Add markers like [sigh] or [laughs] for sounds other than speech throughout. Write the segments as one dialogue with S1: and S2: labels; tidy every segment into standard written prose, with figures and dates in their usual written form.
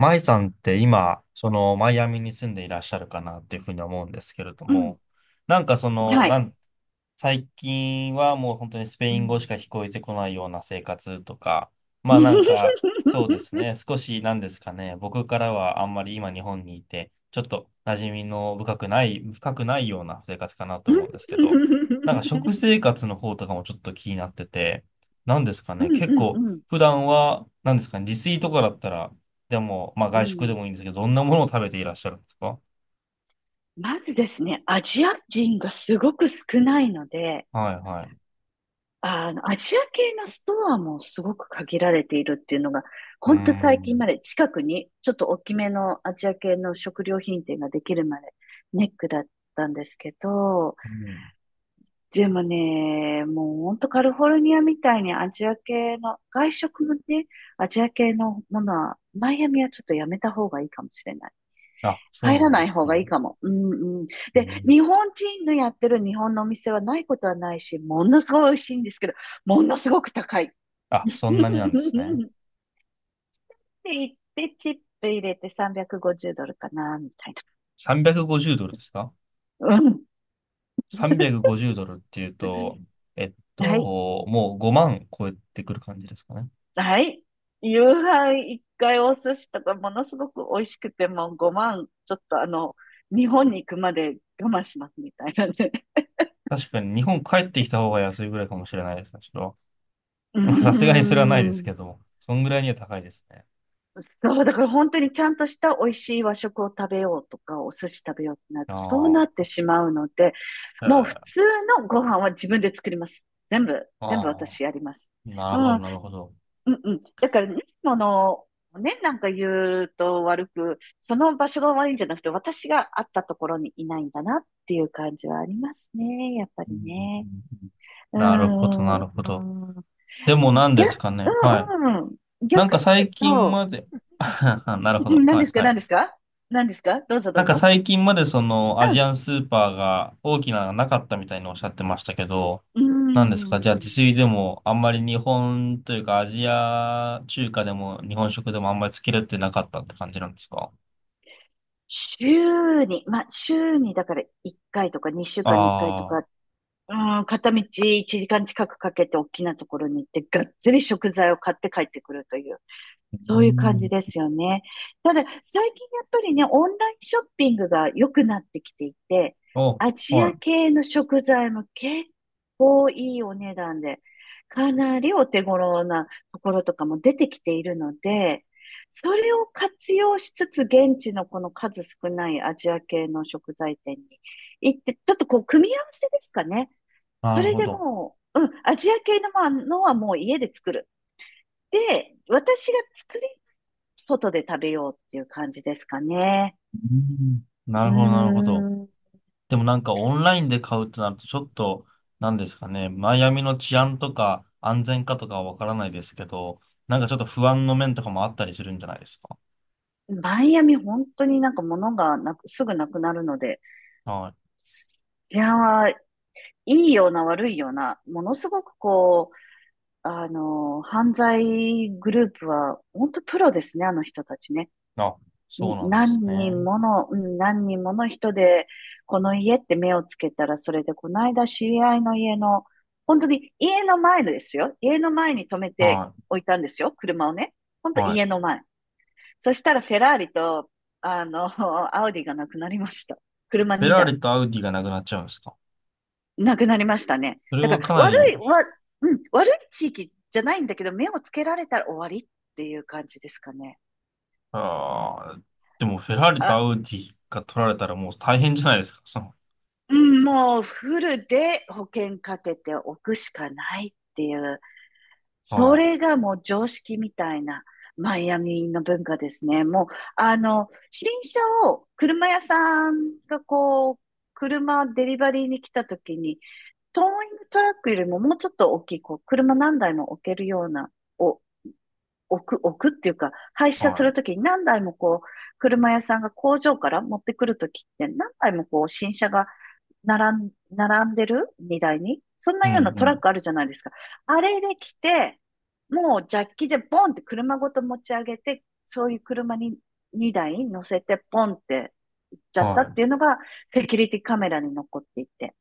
S1: マイさんって今、そのマイアミに住んでいらっしゃるかなっていうふうに思うんですけれど
S2: うん、
S1: も、なんか
S2: はい。
S1: 最近はもう本当にスペ
S2: う
S1: イン語し
S2: ん。
S1: か聞こえてこないような生活とか、まあなんか、そうです
S2: [laughs]
S1: ね、少しなんですかね、僕からはあんまり今日本にいて、ちょっと馴染みの深くないような生活かなと思うんで
S2: う
S1: すけど、なんか食生活の方とかもちょっと気になってて、なんですかね、
S2: ん
S1: 結
S2: うん
S1: 構
S2: うん。
S1: 普段は、なんですかね、自炊とかだったら、でも、まあ
S2: う
S1: 外食でもい
S2: ん。
S1: いんですけど、どんなものを食べていらっしゃるんですか？
S2: まずですね、アジア人がすごく少ないので、
S1: はいはい。
S2: アジア系のストアもすごく限られているっていうのが、
S1: うー
S2: ほんと最近ま
S1: ん。
S2: で近くにちょっと大きめのアジア系の食料品店ができるまでネックだったんですけど、
S1: うん。
S2: でもね、もうほんとカリフォルニアみたいにアジア系の、外食もね、アジア系のものは、マイアミはちょっとやめた方がいいかもしれない。
S1: あ、そう
S2: 入ら
S1: なんで
S2: ない
S1: す
S2: 方がいい
S1: ね。
S2: かも。うんうん。
S1: う
S2: で、
S1: ん。
S2: 日本人のやってる日本のお店はないことはないし、ものすごい美味しいんですけど、ものすごく高い。
S1: あ、
S2: [laughs] っ
S1: そんなになんですね。
S2: て言って、チップ入れて350ドルかな、みたい
S1: 350ドルですか？
S2: な。うん。
S1: 350 ドルっていうと、
S2: [laughs] はい。
S1: もう5万超えてくる感じですかね。
S2: はい。夕飯一回お寿司とかものすごく美味しくて、もう5万、ちょっと、日本に行くまで我慢しますみたいなね。
S1: 確かに日本帰ってきた方が安いぐらいかもしれないですね。ちょっと、
S2: うー
S1: まあさすがにそれはないです
S2: ん。
S1: けども、そんぐらいには高いですね。
S2: そう、だから本当にちゃんとした美味しい和食を食べようとか、お寿司食べようってなると、そう
S1: あ
S2: なっ
S1: あ、
S2: てしまうので、もう
S1: え
S2: 普
S1: え、
S2: 通のご飯は自分で作ります。全部
S1: ああ、
S2: 私やります。
S1: な
S2: う
S1: るほど、
S2: ん。
S1: なる
S2: う
S1: ほど。
S2: んうん。だから、ね、もの、ね、なんか言うと悪く、その場所が悪いんじゃなくて、私があったところにいないんだなっていう感じはありますね。やっぱ
S1: うんう
S2: り
S1: ん
S2: ね。
S1: うん、
S2: うー
S1: なるほど、な
S2: ん。
S1: る
S2: う
S1: ほ
S2: ー
S1: ど。
S2: ん
S1: でも何です
S2: 逆、
S1: かね。はい。
S2: うんうん。
S1: なん
S2: 逆
S1: か
S2: に
S1: 最
S2: 言う
S1: 近
S2: と、
S1: まで、[laughs] なる
S2: う
S1: ほ
S2: んうん、
S1: ど。
S2: 何
S1: は
S2: で
S1: い、
S2: すか、
S1: は
S2: 何
S1: い。
S2: ですか何ですかどうぞど
S1: なん
S2: う
S1: か
S2: ぞ。
S1: 最近までそのアジアンスーパーが大きなのがなかったみたいにおっしゃってましたけど、
S2: うん。う
S1: 何ですか、じゃあ自
S2: ーん。
S1: 炊でもあんまり日本というかアジア中華でも日本食でもあんまりつけるってなかったって感じなんですか？
S2: 週に、まあ、週にだから1回とか2週間に1回と
S1: ああ
S2: か
S1: ー。
S2: うん、片道1時間近くかけて大きなところに行って、がっつり食材を買って帰ってくるという、
S1: う
S2: そういう感じ
S1: ん。
S2: ですよね。ただ、最近やっぱりね、オンラインショッピングが良くなってきていて、
S1: お、
S2: アジ
S1: は
S2: ア
S1: い。
S2: 系の食材も結構いいお値段で、かなりお手頃なところとかも出てきているので、それを活用しつつ、現地のこの数少ないアジア系の食材店に行って、ちょっとこう、組み合わせですかね。
S1: な
S2: そ
S1: る
S2: れ
S1: ほ
S2: で
S1: ど。
S2: もう、うん、アジア系のものはもう家で作る。で、私が作り、外で食べようっていう感じですかね。
S1: うん、な
S2: うー
S1: るほど、なるほど。
S2: ん。
S1: でもなんかオンラインで買うとなるとちょっと、なんですかね、マイアミの治安とか安全かとかはわからないですけど、なんかちょっと不安の面とかもあったりするんじゃないですか。
S2: マイアミ本当になんか物がなく、すぐなくなるので、
S1: はい。
S2: いやー、いいような悪いような、ものすごく、犯罪グループは本当プロですね、あの人たちね。
S1: あ、そうなんで
S2: 何
S1: すね。
S2: 人もの、うん何人もの人で、この家って目をつけたら、それで、この間知り合いの家の、本当に家の前ですよ。家の前に止めて
S1: は
S2: おいたんですよ。車をね。本
S1: い。
S2: 当
S1: はい。
S2: 家の前。そしたらフェラーリと、あの、[laughs] アウディがなくなりました。車
S1: フェラー
S2: 2台。
S1: リとアウディがなくなっちゃうんですか？
S2: なくなりましたね。
S1: それ
S2: だか
S1: は
S2: ら、
S1: かな
S2: 悪
S1: り、
S2: い、わ、うん、悪い地域じゃないんだけど、目をつけられたら終わりっていう感じですかね。
S1: あーでもフェラーリとア
S2: あ、
S1: ウディが取られたらもう大変じゃないですか。
S2: うん、もうフルで保険かけておくしかないっていう、そ
S1: はい。
S2: れがもう常識みたいなマイアミの文化ですね。もう、あの、新車を車屋さんがこう、車デリバリーに来た時に、トーイングトラックよりももうちょっと大きい、こう、車何台も置けるような、置くっていうか、廃車す
S1: は
S2: る
S1: い。
S2: ときに何台もこう、車屋さんが工場から持ってくるときって何台もこう、新車が並んでる荷台に。そん
S1: う
S2: な
S1: ん、
S2: ような
S1: う
S2: トラッ
S1: ん。
S2: クあるじゃないですか。あれで来て、もうジャッキでボンって車ごと持ち上げて、そういう車に2台乗せてポンって行っちゃった
S1: は
S2: っ
S1: い。
S2: ていうのがセキュリティカメラに残っていて。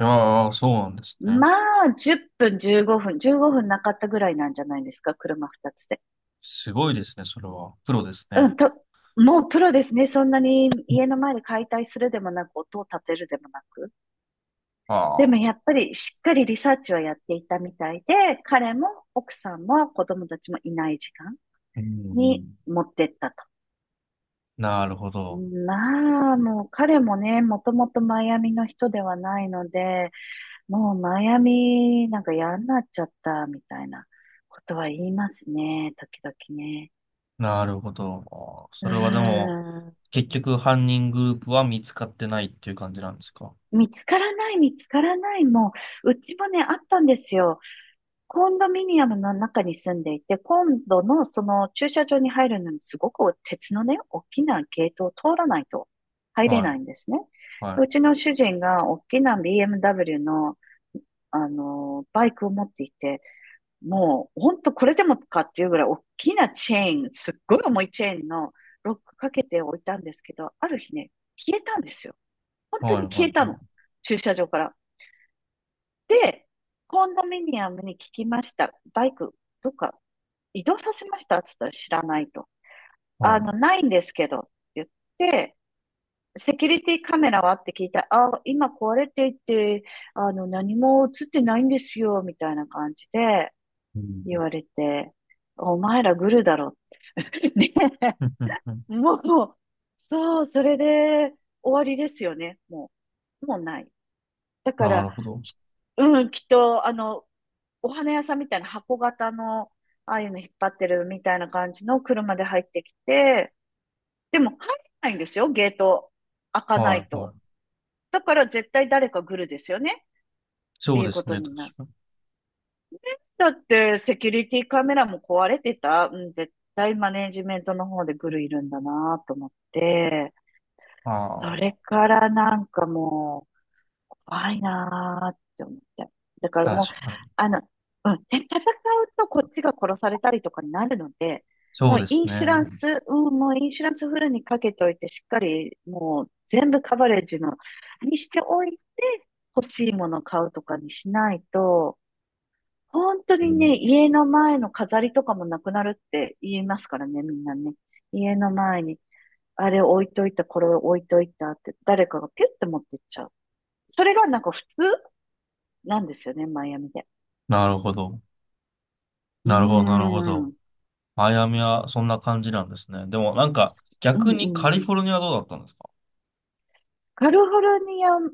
S1: いやー、そうなんですね。
S2: まあ、10分、15分なかったぐらいなんじゃないですか、車2つで。
S1: すごいですね、それは。プロです
S2: う
S1: ね。
S2: ん、と、もうプロですね。そんなに家の前で解体するでもなく、音を立てるでもなく。で
S1: あ
S2: も
S1: あ。
S2: やっぱりしっかりリサーチをやっていたみたいで、彼も奥さんも子供たちもいない時間
S1: うんう
S2: に
S1: ん、
S2: 持ってったと。
S1: なるほど。
S2: まあ、もう彼もね、もともとマイアミの人ではないので、もうマイアミなんか嫌になっちゃったみたいなことは言いますね、時々ね。
S1: なるほど。
S2: う
S1: そ
S2: ー
S1: れはでも、
S2: ん。
S1: 結局犯人グループは見つかってないっていう感じなんですか？
S2: 見つからない。もう、うちもね、あったんですよ。コンドミニアムの中に住んでいて、今度のその駐車場に入るのにすごく鉄のね、大きなゲートを通らないと入れ
S1: はい。
S2: ないんですね。
S1: は
S2: うちの主人が大きな BMW の、バイクを持っていて、もう、ほんとこれでもかっていうぐらい大きなチェーン、すっごい重いチェーンのロックかけておいたんですけど、ある日ね、消えたんですよ。本
S1: い。
S2: 当
S1: はい。
S2: に
S1: は
S2: 消えたの。
S1: い。
S2: 駐車場から。で、コンドミニアムに聞きました。バイク、どっか移動させましたって言ったら知らないと。
S1: は
S2: ないんですけどって言って、セキュリティカメラはって聞いたら、あ、今壊れていて、何も映ってないんですよ、みたいな感じで
S1: い。う
S2: 言
S1: ん。
S2: われて、お前らグルだろ。[laughs] ね。
S1: [laughs] うんうんふん、
S2: もう、そう、それで終わりですよね。もう、もうない。だか
S1: な
S2: ら、
S1: るほど。
S2: きうん、きっと、お花屋さんみたいな箱型の、ああいうの引っ張ってるみたいな感じの車で入ってきて、でも入れないんですよ、ゲート開かな
S1: は
S2: い
S1: い。は
S2: と。
S1: い。
S2: だから絶対誰か来るですよね、って
S1: そう
S2: いう
S1: で
S2: こ
S1: す
S2: と
S1: ね。確
S2: になる。
S1: かに。
S2: だって、セキュリティカメラも壊れてた。うん、絶対マネージメントの方でグルいるんだなと思って、そ
S1: あ
S2: れからなんかもう、怖いなーって思って。だから
S1: あ、
S2: もう、
S1: 確かに。
S2: あの、うん、で、戦うとこっちが殺されたりとかになるので、
S1: そうですね。
S2: もうインシュランスフルにかけておいて、しっかりもう全部カバレッジの、にしておいて、欲しいもの買うとかにしないと、本当
S1: う
S2: に
S1: ん、
S2: ね、家の前の飾りとかもなくなるって言いますからね、みんなね。家の前に、あれ置いといた、これ置いといたって、誰かがピュッて持ってっちゃう。それがなんか普通なんですよね、マイアミで。
S1: なるほど。
S2: う
S1: なるほど。なるほ
S2: ー
S1: ど。
S2: ん。
S1: マイアミはそんな感じなんですね。でもなんか、
S2: う
S1: 逆
S2: んう
S1: にカリ
S2: ん。
S1: フォルニアはどうだったんですか？
S2: カリフォルニアも、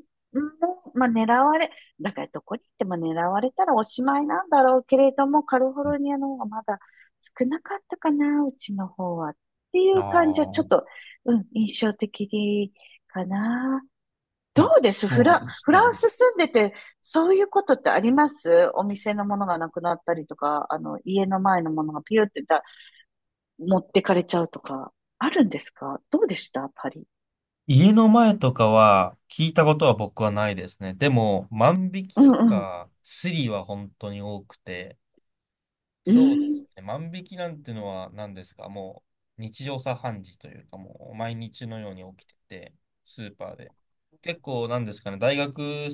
S2: まあ、狙われ、だからどこに行っても狙われたらおしまいなんだろうけれども、カリフォルニアの方がまだ少なかったかな、うちの方は。ってい
S1: あ
S2: う感じは
S1: あ
S2: ちょ
S1: ー、
S2: っと、うん、印象的かな。ど
S1: な、
S2: うです
S1: そうなんです
S2: フ
S1: ね。
S2: ランス住んでて、そういうことってありますお店のものがなくなったりとか、家の前のものがピューって持ってかれちゃうとか、あるんですかどうでしたパリ。
S1: 家の前とかは聞いたことは僕はないですね。でも、万引
S2: う
S1: き
S2: ん
S1: と
S2: うん。
S1: か、スリは本当に多くて、
S2: う
S1: そうです
S2: ん。
S1: ね。万引きなんてのは何ですか、もう日常茶飯事というか、もう毎日のように起きてて、スーパーで。結構なんですかね、大学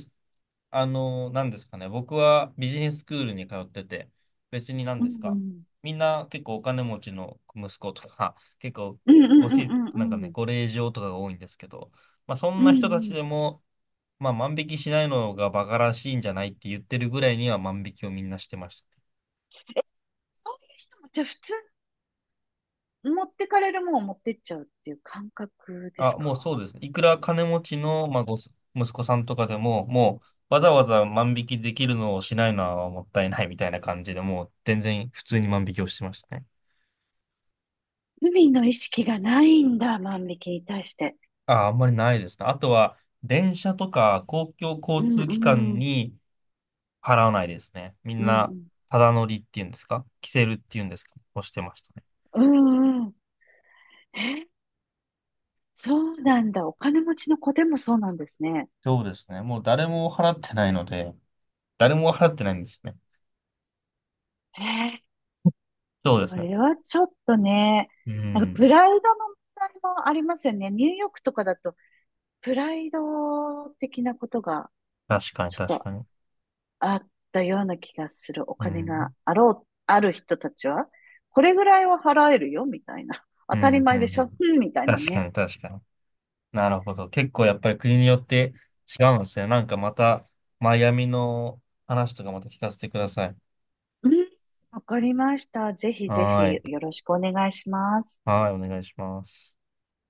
S1: あの、何ですかね。僕はビジネススクールに通ってて、別に何
S2: う
S1: です
S2: んう
S1: か。
S2: ん。
S1: みんな結構お金持ちの息子とか、[laughs] 結構
S2: うんうんうんうん
S1: なんか
S2: う
S1: ね、
S2: ん。
S1: ご令嬢とかが多いんですけど、まあそん
S2: う
S1: な
S2: んう
S1: 人たち
S2: ん。
S1: でも、まあ万引きしないのがバカらしいんじゃないって言ってるぐらいには万引きをみんなしてましたね。
S2: そういう人も、じゃあ普通、持ってかれるもんを持ってっちゃうっていう感覚です
S1: あ、
S2: か
S1: もうそうですね。いくら金持ちの、まあ、息子さんとかでも、もうわざわざ万引きできるのをしないのはもったいないみたいな感じで、もう全然普通に万引きをしてましたね。
S2: 海の意識がないんだ、万引きに対して。
S1: あ、あんまりないですね。あとは、電車とか公共
S2: う
S1: 交
S2: ん
S1: 通機関
S2: うん。
S1: に払わないですね。み
S2: う
S1: ん
S2: んう
S1: な、
S2: ん。
S1: ただ乗りっていうんですかキセルっていうんですかをしてましたね。
S2: うんうん。え、そうなんだ。お金持ちの子でもそうなんですね。
S1: そうですね。もう誰も払ってないので、誰も払ってないんですよね。
S2: へ
S1: そうで
S2: そ
S1: すね。
S2: れはちょっとね、
S1: う
S2: なんかプ
S1: ん。
S2: ライドの問題もありますよね。ニューヨークとかだと、プライド的なことが
S1: 確かに、
S2: ちょっ
S1: 確
S2: と
S1: かに。
S2: あったような気がする。お
S1: う
S2: 金が
S1: ん。
S2: あろう、ある人たちは、これぐらいは払えるよ、みたいな。当
S1: う
S2: たり
S1: ん、うん、う
S2: 前でしょ、
S1: ん。
S2: うん、みたいな
S1: 確か
S2: ね。
S1: に、確かに。なるほど。結構やっぱり国によって違うんですね。なんかまた、マイアミの話とかまた聞かせてください。
S2: うん、わかりました。ぜひぜ
S1: はー
S2: ひ
S1: い。
S2: よろしくお願いします。
S1: はーい、お願いします。